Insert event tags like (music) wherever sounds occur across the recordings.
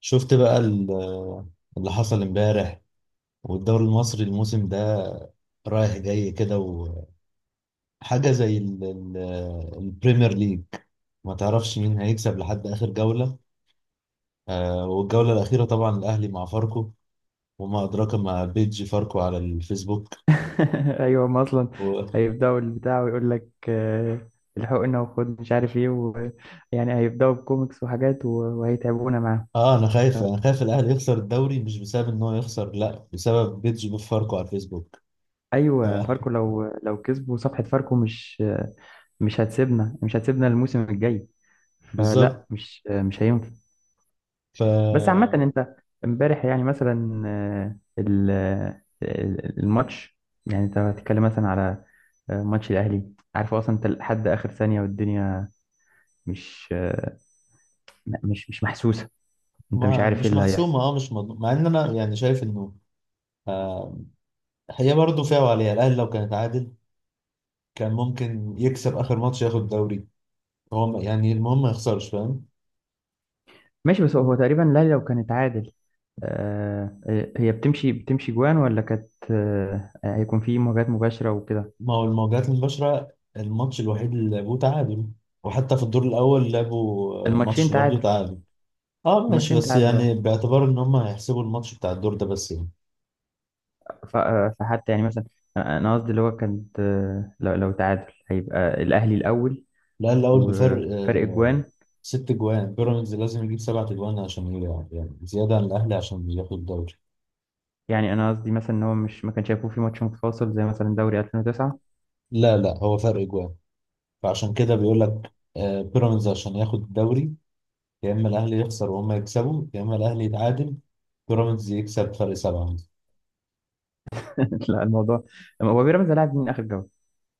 شفت بقى اللي حصل امبارح، والدوري المصري الموسم ده رايح جاي كده. وحاجة زي البريمير ليج، ما تعرفش مين هيكسب لحد آخر جولة. والجولة الأخيرة طبعا الأهلي مع فاركو، وما أدراك ما بيج فاركو على الفيسبوك (laughs) ايوه، هم اصلا و... هيبداوا البتاع ويقول لك، الحقنا وخد مش عارف ايه يعني هيبداوا بكوميكس وحاجات وهيتعبونا معاهم. أنا خايف، الأهلي يخسر الدوري، مش بسبب إن هو يخسر، لا بسبب بيج فاركو على الفيسبوك. ف... ايوه، فاركو (laughs) لو كسبوا صفحه فاركو مش هتسيبنا الموسم الجاي، فلا بالظبط. مش هينفع. ف بس عامه، انت امبارح يعني مثلا الماتش، يعني انت هتتكلم مثلا على ماتش الاهلي. عارف اصلا انت لحد اخر ثانيه والدنيا مش مش محسوسه، انت مش ما عارف ايه مش اللي هيحصل. محسومة، اه، مش مض... مع ان انا يعني شايف انه آه، هي برضه فيها وعليها. الاهلي لو كان اتعادل كان ممكن يكسب اخر ماتش ياخد الدوري. يعني المهم ما يخسرش، فاهم. ماشي، بس هو تقريبا، لا لو كانت عادل هي بتمشي جوان، ولا كانت هيكون في مواجهات مباشره وكده. ما هو المواجهات المباشره الماتش الوحيد اللي لعبوه تعادل، وحتى في الدور الاول لعبوا الماتشين ماتش برضه تعادل، تعادل. اه ماشي، الماتشين بس تعادل يعني اه. باعتبار ان هم هيحسبوا الماتش بتاع الدور ده بس يعني فحتى يعني مثلا، أنا قصدي اللي هو كانت، لو تعادل هيبقى الاهلي الاول الاهلي الاول بفرق وفرق جوان. ست جوان. بيراميدز لازم يجيب سبعة جوان عشان يعني زياده عن الاهلي عشان ياخد الدوري. يعني انا قصدي مثلا ان هو مش ما كانش هيكون في ماتش متفاصل زي مثلا دوري 2009. لا لا، هو فرق جوان. فعشان كده بيقول لك بيراميدز عشان ياخد الدوري، يا اما الاهلي يخسر وهم يكسبوا، يا اما الاهلي يتعادل بيراميدز يكسب فرق سبعه مثلا. (laughs) لا، الموضوع هو بيراميدز لاعب من اخر جوله.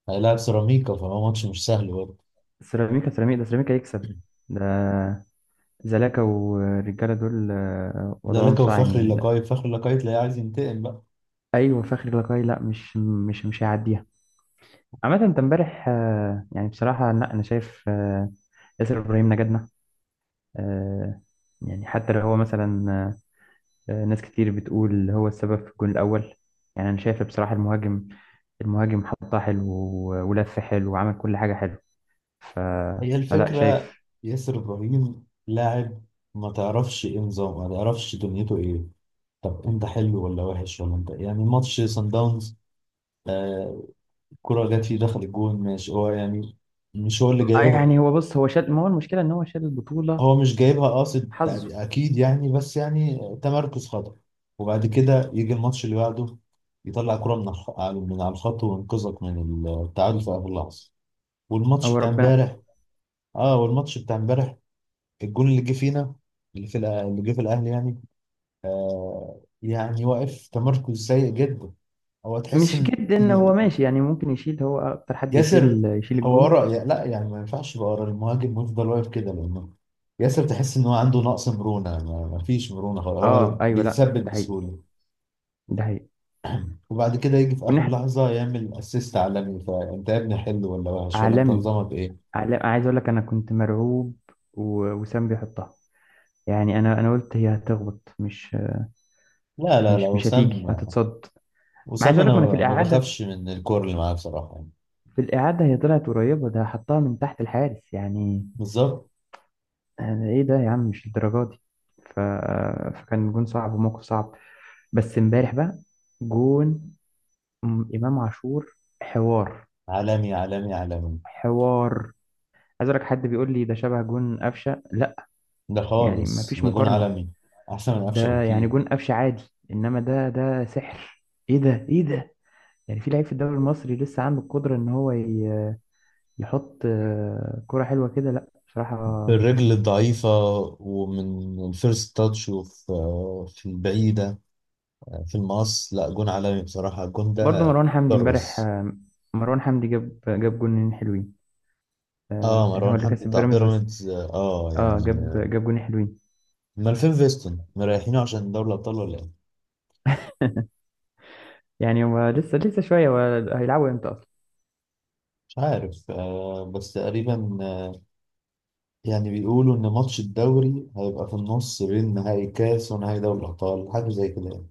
هيلاعب سيراميكا، فهو ماتش مش سهل برضه. سيراميكا، سيراميكا ده سيراميكا يكسب، ده زلاكا والرجالة دول ده وضعهم لك، صعب وفخري يعني. لا. اللقاي، فخري اللقاي تلاقيه عايز ينتقم بقى. أيوة، فخري لقاي لا مش هيعديها. عامة، أنت امبارح يعني بصراحة لا، أنا شايف ياسر إبراهيم نجدنا. آه، يعني حتى لو هو مثلا، ناس كتير بتقول هو السبب في الجون الأول. يعني أنا شايف بصراحة، المهاجم حطها حلو ولف حلو وعمل كل حاجة حلو. ف... هي فلا الفكره. شايف. ياسر ابراهيم لاعب ما تعرفش ايه نظامه، ما تعرفش دنيته ايه. طب انت حلو ولا وحش ولا انت؟ يعني ماتش سان داونز، آه كرة جت فيه دخل الجون، ماشي، هو يعني مش هو اللي جايبها. يعني هو بص، هو شال، ما هو المشكلة إن هو شال البطولة. هو مش جايبها قاصد، حظه، اكيد يعني، بس يعني تمركز خطأ. وبعد كده يجي الماتش اللي بعده يطلع كرة من من على الخط وينقذك من التعادل في اخر لحظة. والماتش هو بتاع ربنا. امبارح اه والماتش بتاع امبارح، الجون اللي جه فينا، اللي جه في الاهلي يعني، يعني واقف تمركز سيء جدا. هو تحس مش ان جدا، هو ماشي يعني، ممكن يشيل، هو اكتر حد ياسر يشيل هو الجون. ورا، لا يعني ما ينفعش يبقى ورا المهاجم ويفضل واقف كده لانه ياسر. تحس ان هو عنده نقص مرونه، ما فيش مرونه خالص، اه هو ايوه، لا بيتثبت ده حقيقي، بسهوله. ده حقيقي. وبعد كده يجي في اخر والناحية لحظه يعمل اسيست عالمي، فانت يا ابني حلو ولا وحش ولا انت عالمي، نظامك ايه؟ عالمي، عايز اقول لك انا كنت مرعوب وسام بيحطها. يعني انا قلت هي هتخبط، مش لا لا لا، مش وسام. هتيجي، هتتصد. ما عايز وسام اقول انا لك، ما انا في ما الاعاده، بخافش من الكور اللي معاه بصراحه يعني. هي طلعت قريبه، ده حطها من تحت الحارس يعني. بالظبط. أنا ايه ده يا عم؟ مش الدرجه دي. ف... فكان جون صعب وموقف صعب. بس امبارح بقى، جون امام عاشور، حوار، عالمي عالمي عالمي. حوار، عايز اقول لك. حد بيقول لي ده شبه جون قفشه؟ لا، ده يعني ما خالص فيش ده جون مقارنه. عالمي، احسن من قفشه ده يعني بكتير. جون قفشه عادي، انما ده، ده سحر. ايه ده؟ ايه ده؟ يعني في لعيب في الدوري المصري لسه عنده القدره ان هو يحط كره حلوه كده؟ لا بصراحه. الرجل الضعيفة، ومن الفيرست تاتش، وفي في البعيدة، في المقص، لا جون عالمي بصراحة الجون برضه ده. مروان حمدي امبارح كرز. مروان حمدي جاب جونين حلوين. اه، يعني هو مروان اللي حمدي كسب بتاع بيراميدز بس. بيراميدز، اه اه، يعني جاب جاب جونين حلوين. مالفين فيستون مريحينه عشان دوري الأبطال ولا ايه؟ يعني هو لسه شويه. هو هيلعبوا امتى أصلاً؟ مش عارف، بس تقريبا يعني بيقولوا إن ماتش الدوري هيبقى في النص بين نهائي كاس ونهائي دوري الأبطال، حاجة زي كده يعني.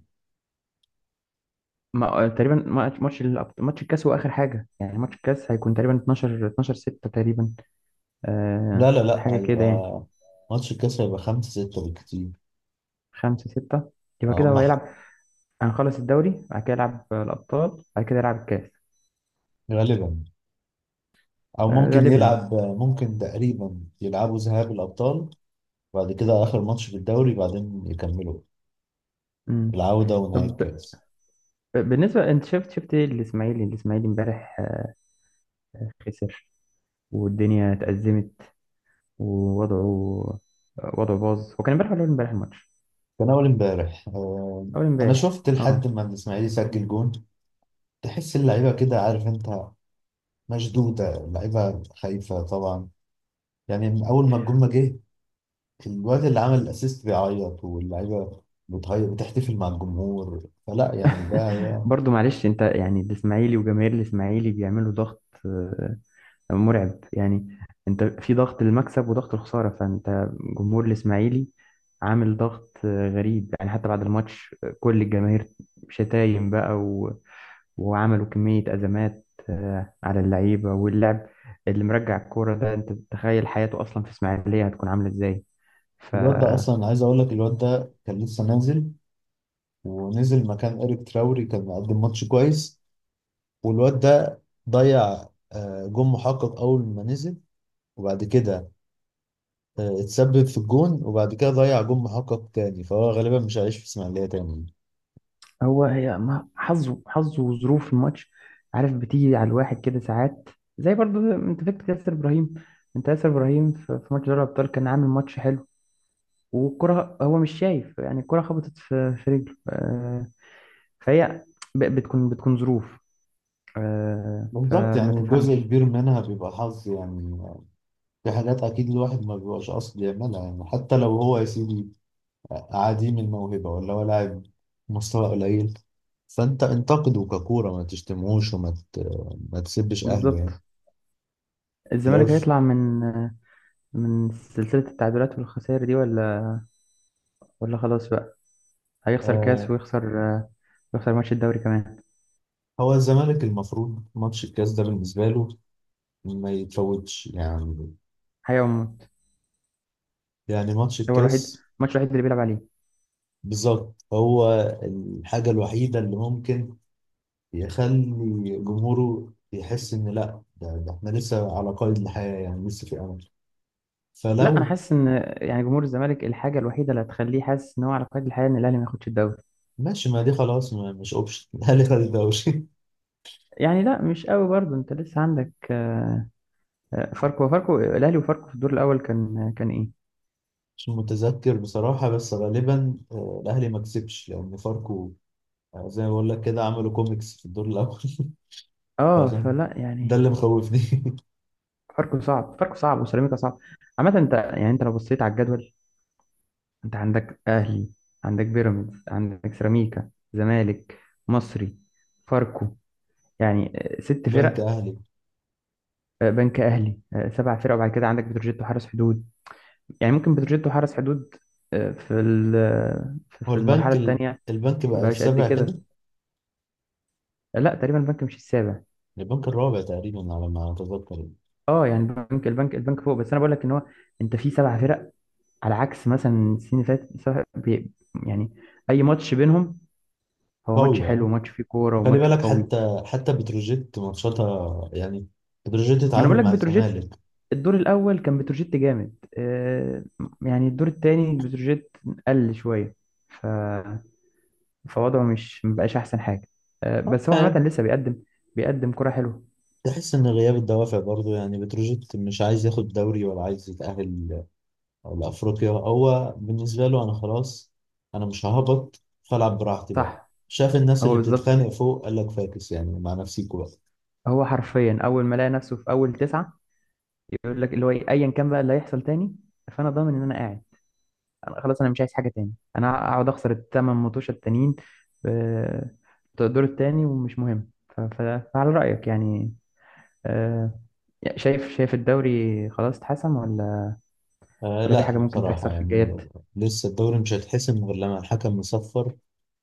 ما تقريبا، ماتش الكاس هو اخر حاجه. يعني ماتش الكاس هيكون تقريبا 12 12 6 تقريبا، لا أه لا لا، حاجه كده يعني. هيبقى ماتش الكاس هيبقى خمسة ستة بالكتير. 5 6 يبقى آه، كده هم هو ح- هيلعب. هنخلص الدوري، بعد كده يلعب الابطال، بعد كده يلعب الكاس. غالبا. او أه ممكن غالبا. يلعب، ممكن تقريبا يلعبوا ذهاب الابطال، بعد كده اخر ماتش في الدوري، بعدين يكملوا مم. العوده ونهائي طب، الكاس. بالنسبه، انت شفت ايه الاسماعيلي امبارح؟ خسر والدنيا اتأزمت، ووضعه آه، وضعه باظ. هو كان امبارح ولا أول امبارح الماتش؟ كان اول امبارح، اول انا امبارح شفت لحد اه. ما الاسماعيلي يسجل جون. تحس اللعيبه كده، عارف انت، مشدوده، اللعيبه خايفه طبعا. يعني من اول ما الجون ما جه الواد اللي عمل الاسيست بيعيط، واللعيبه بتهيأ بتحتفل مع الجمهور، فلا يعني (laughs) برضو معلش، انت يعني الاسماعيلي وجماهير الاسماعيلي بيعملوا ضغط مرعب يعني. انت في ضغط المكسب وضغط الخسارة، فانت، جمهور الاسماعيلي، عامل ضغط غريب يعني. حتى بعد الماتش كل الجماهير شتايم بقى، وعملوا كمية أزمات على اللعيبة واللعب اللي مرجع الكورة ده، انت تخيل حياته أصلا في اسماعيلية هتكون عاملة ازاي؟ ف الواد ده اصلا، عايز اقول لك الواد ده كان لسه نازل، ونزل مكان إيريك تراوري، كان مقدم ماتش كويس، والواد ده ضيع جون محقق أول ما نزل، وبعد كده اتسبب في الجون، وبعد كده ضيع جون محقق تاني، فهو غالبا مش هيعيش في إسماعيلية تاني. هي ما حظه، وظروف الماتش، عارف بتيجي على الواحد كده ساعات. زي برضو، انت فاكر ياسر ابراهيم؟ انت ياسر ابراهيم في ماتش دوري الابطال كان عامل ماتش حلو، والكره هو مش شايف يعني. الكره خبطت في في رجله، فهي بتكون ظروف بالظبط. فما يعني جزء تفهمش. كبير منها بيبقى حظ يعني. في حاجات أكيد الواحد ما بيبقاش قصد يعملها، يعني حتى لو هو يا سيدي عديم الموهبة ولا هو لاعب مستوى قليل، فأنت انتقده ككورة، ما تشتمهوش ما تسبش أهله يعني. بالظبط. الزمالك في هيطلع من من سلسله التعادلات والخسائر دي، ولا خلاص بقى هيخسر كاس الأول، ويخسر ويخسر ماتش الدوري كمان؟ هو الزمالك المفروض ماتش الكاس ده بالنسبة له ما يتفوتش يعني. حيوم يعني ماتش هو الوحيد، الكاس، الماتش الوحيد اللي بيلعب عليه. بالظبط هو الحاجة الوحيدة اللي ممكن يخلي جمهوره يحس إن لأ، ده إحنا لسه على قيد الحياة، يعني لسه في أمل. لا انا فلو حاسس ان، يعني جمهور الزمالك الحاجه الوحيده اللي هتخليه حاسس ان هو على قيد الحياه ان الاهلي ما ياخدش الدوري. ماشي، ما دي خلاص، ما مش أوبشن. (laughs) الأهلي خد الدوري. يعني لا، مش قوي برضه، انت لسه عندك فاركو. فاركو، الاهلي وفاركو في الدور الاول كان ايه؟ مش متذكر بصراحة، بس غالبا الأهلي ما كسبش لأن فاركو، زي ما بقول لك كده، عملوا كوميكس في الدور الأول. (laughs) اه، فعشان فلا ده يعني، اللي مخوفني. (laughs) فاركو صعب، فاركو صعب، وسيراميكا صعب. عامه، انت يعني، انت لو بصيت على الجدول، انت عندك اهلي، عندك بيراميدز، عندك سيراميكا، زمالك، مصري، فاركو. يعني ست بنك فرق. اهلي. بنك اهلي، سبع فرق. وبعد كده عندك بتروجيت وحرس حدود. يعني ممكن بتروجيتو حرز حدود آه، في ال- آه، في هو المرحله الثانيه البنك بقى مبقاش قد السابع كده؟ كده. لا تقريبا البنك مش السابع. البنك الرابع تقريبا على ما اتذكر. اه يعني البنك، البنك فوق. بس انا بقول لك ان هو، انت في سبع فرق على عكس مثلا السنين اللي فاتت. يعني اي ماتش بينهم هو ماتش قوي، حلو، اه. وماتش فيه كوره، خلي وماتش بالك، قوي. حتى بتروجيت ماتشاتها يعني، بتروجيت ما انا بقول اتعادل لك مع بتروجيت الزمالك. الدور الاول كان بتروجيت جامد. يعني الدور الثاني بتروجيت قل شويه، فوضعه مش مبقاش احسن حاجه، اه بس هو عامه يعني لسه بيقدم كرة حلوه. تحس ان غياب الدوافع برضه، يعني بتروجيت مش عايز ياخد دوري ولا عايز يتأهل لافريقيا. هو بالنسبه له انا خلاص، انا مش ههبط، فالعب براحتي بقى. صح. شاف الناس هو اللي بالظبط، بتتخانق فوق، قال لك فاكس يعني، مع نفسيكوا بقى. هو حرفيا اول ما لقى نفسه في اول تسعه، يقول لك اللي هو إيه، ايا كان بقى اللي هيحصل تاني، فانا ضامن ان انا قاعد. انا خلاص، انا مش عايز حاجه تاني، انا اقعد اخسر الثمان ماتشات التانيين آه، بتوع الدور التاني ومش مهم. فعلى رايك يعني، آه، شايف، الدوري خلاص اتحسم ولا في لا حاجه ممكن تحصل بصراحة في يعني الجايات؟ لسه الدوري مش هيتحسم غير لما الحكم يصفر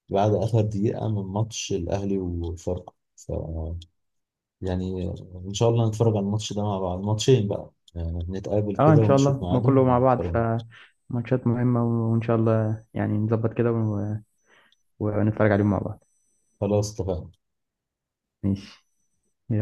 بعد آخر دقيقة من ماتش الأهلي وفاركو. يعني إن شاء الله نتفرج على الماتش ده مع بعض، ماتشين بقى يعني، نتقابل اه كده ان شاء ونشوف الله، ما كله ميعادهم مع بعض ونتفرج. فماتشات مهمة. وان شاء الله يعني نظبط كده ونتفرج عليهم مع بعض. خلاص اتفقنا. ماشي، يلا.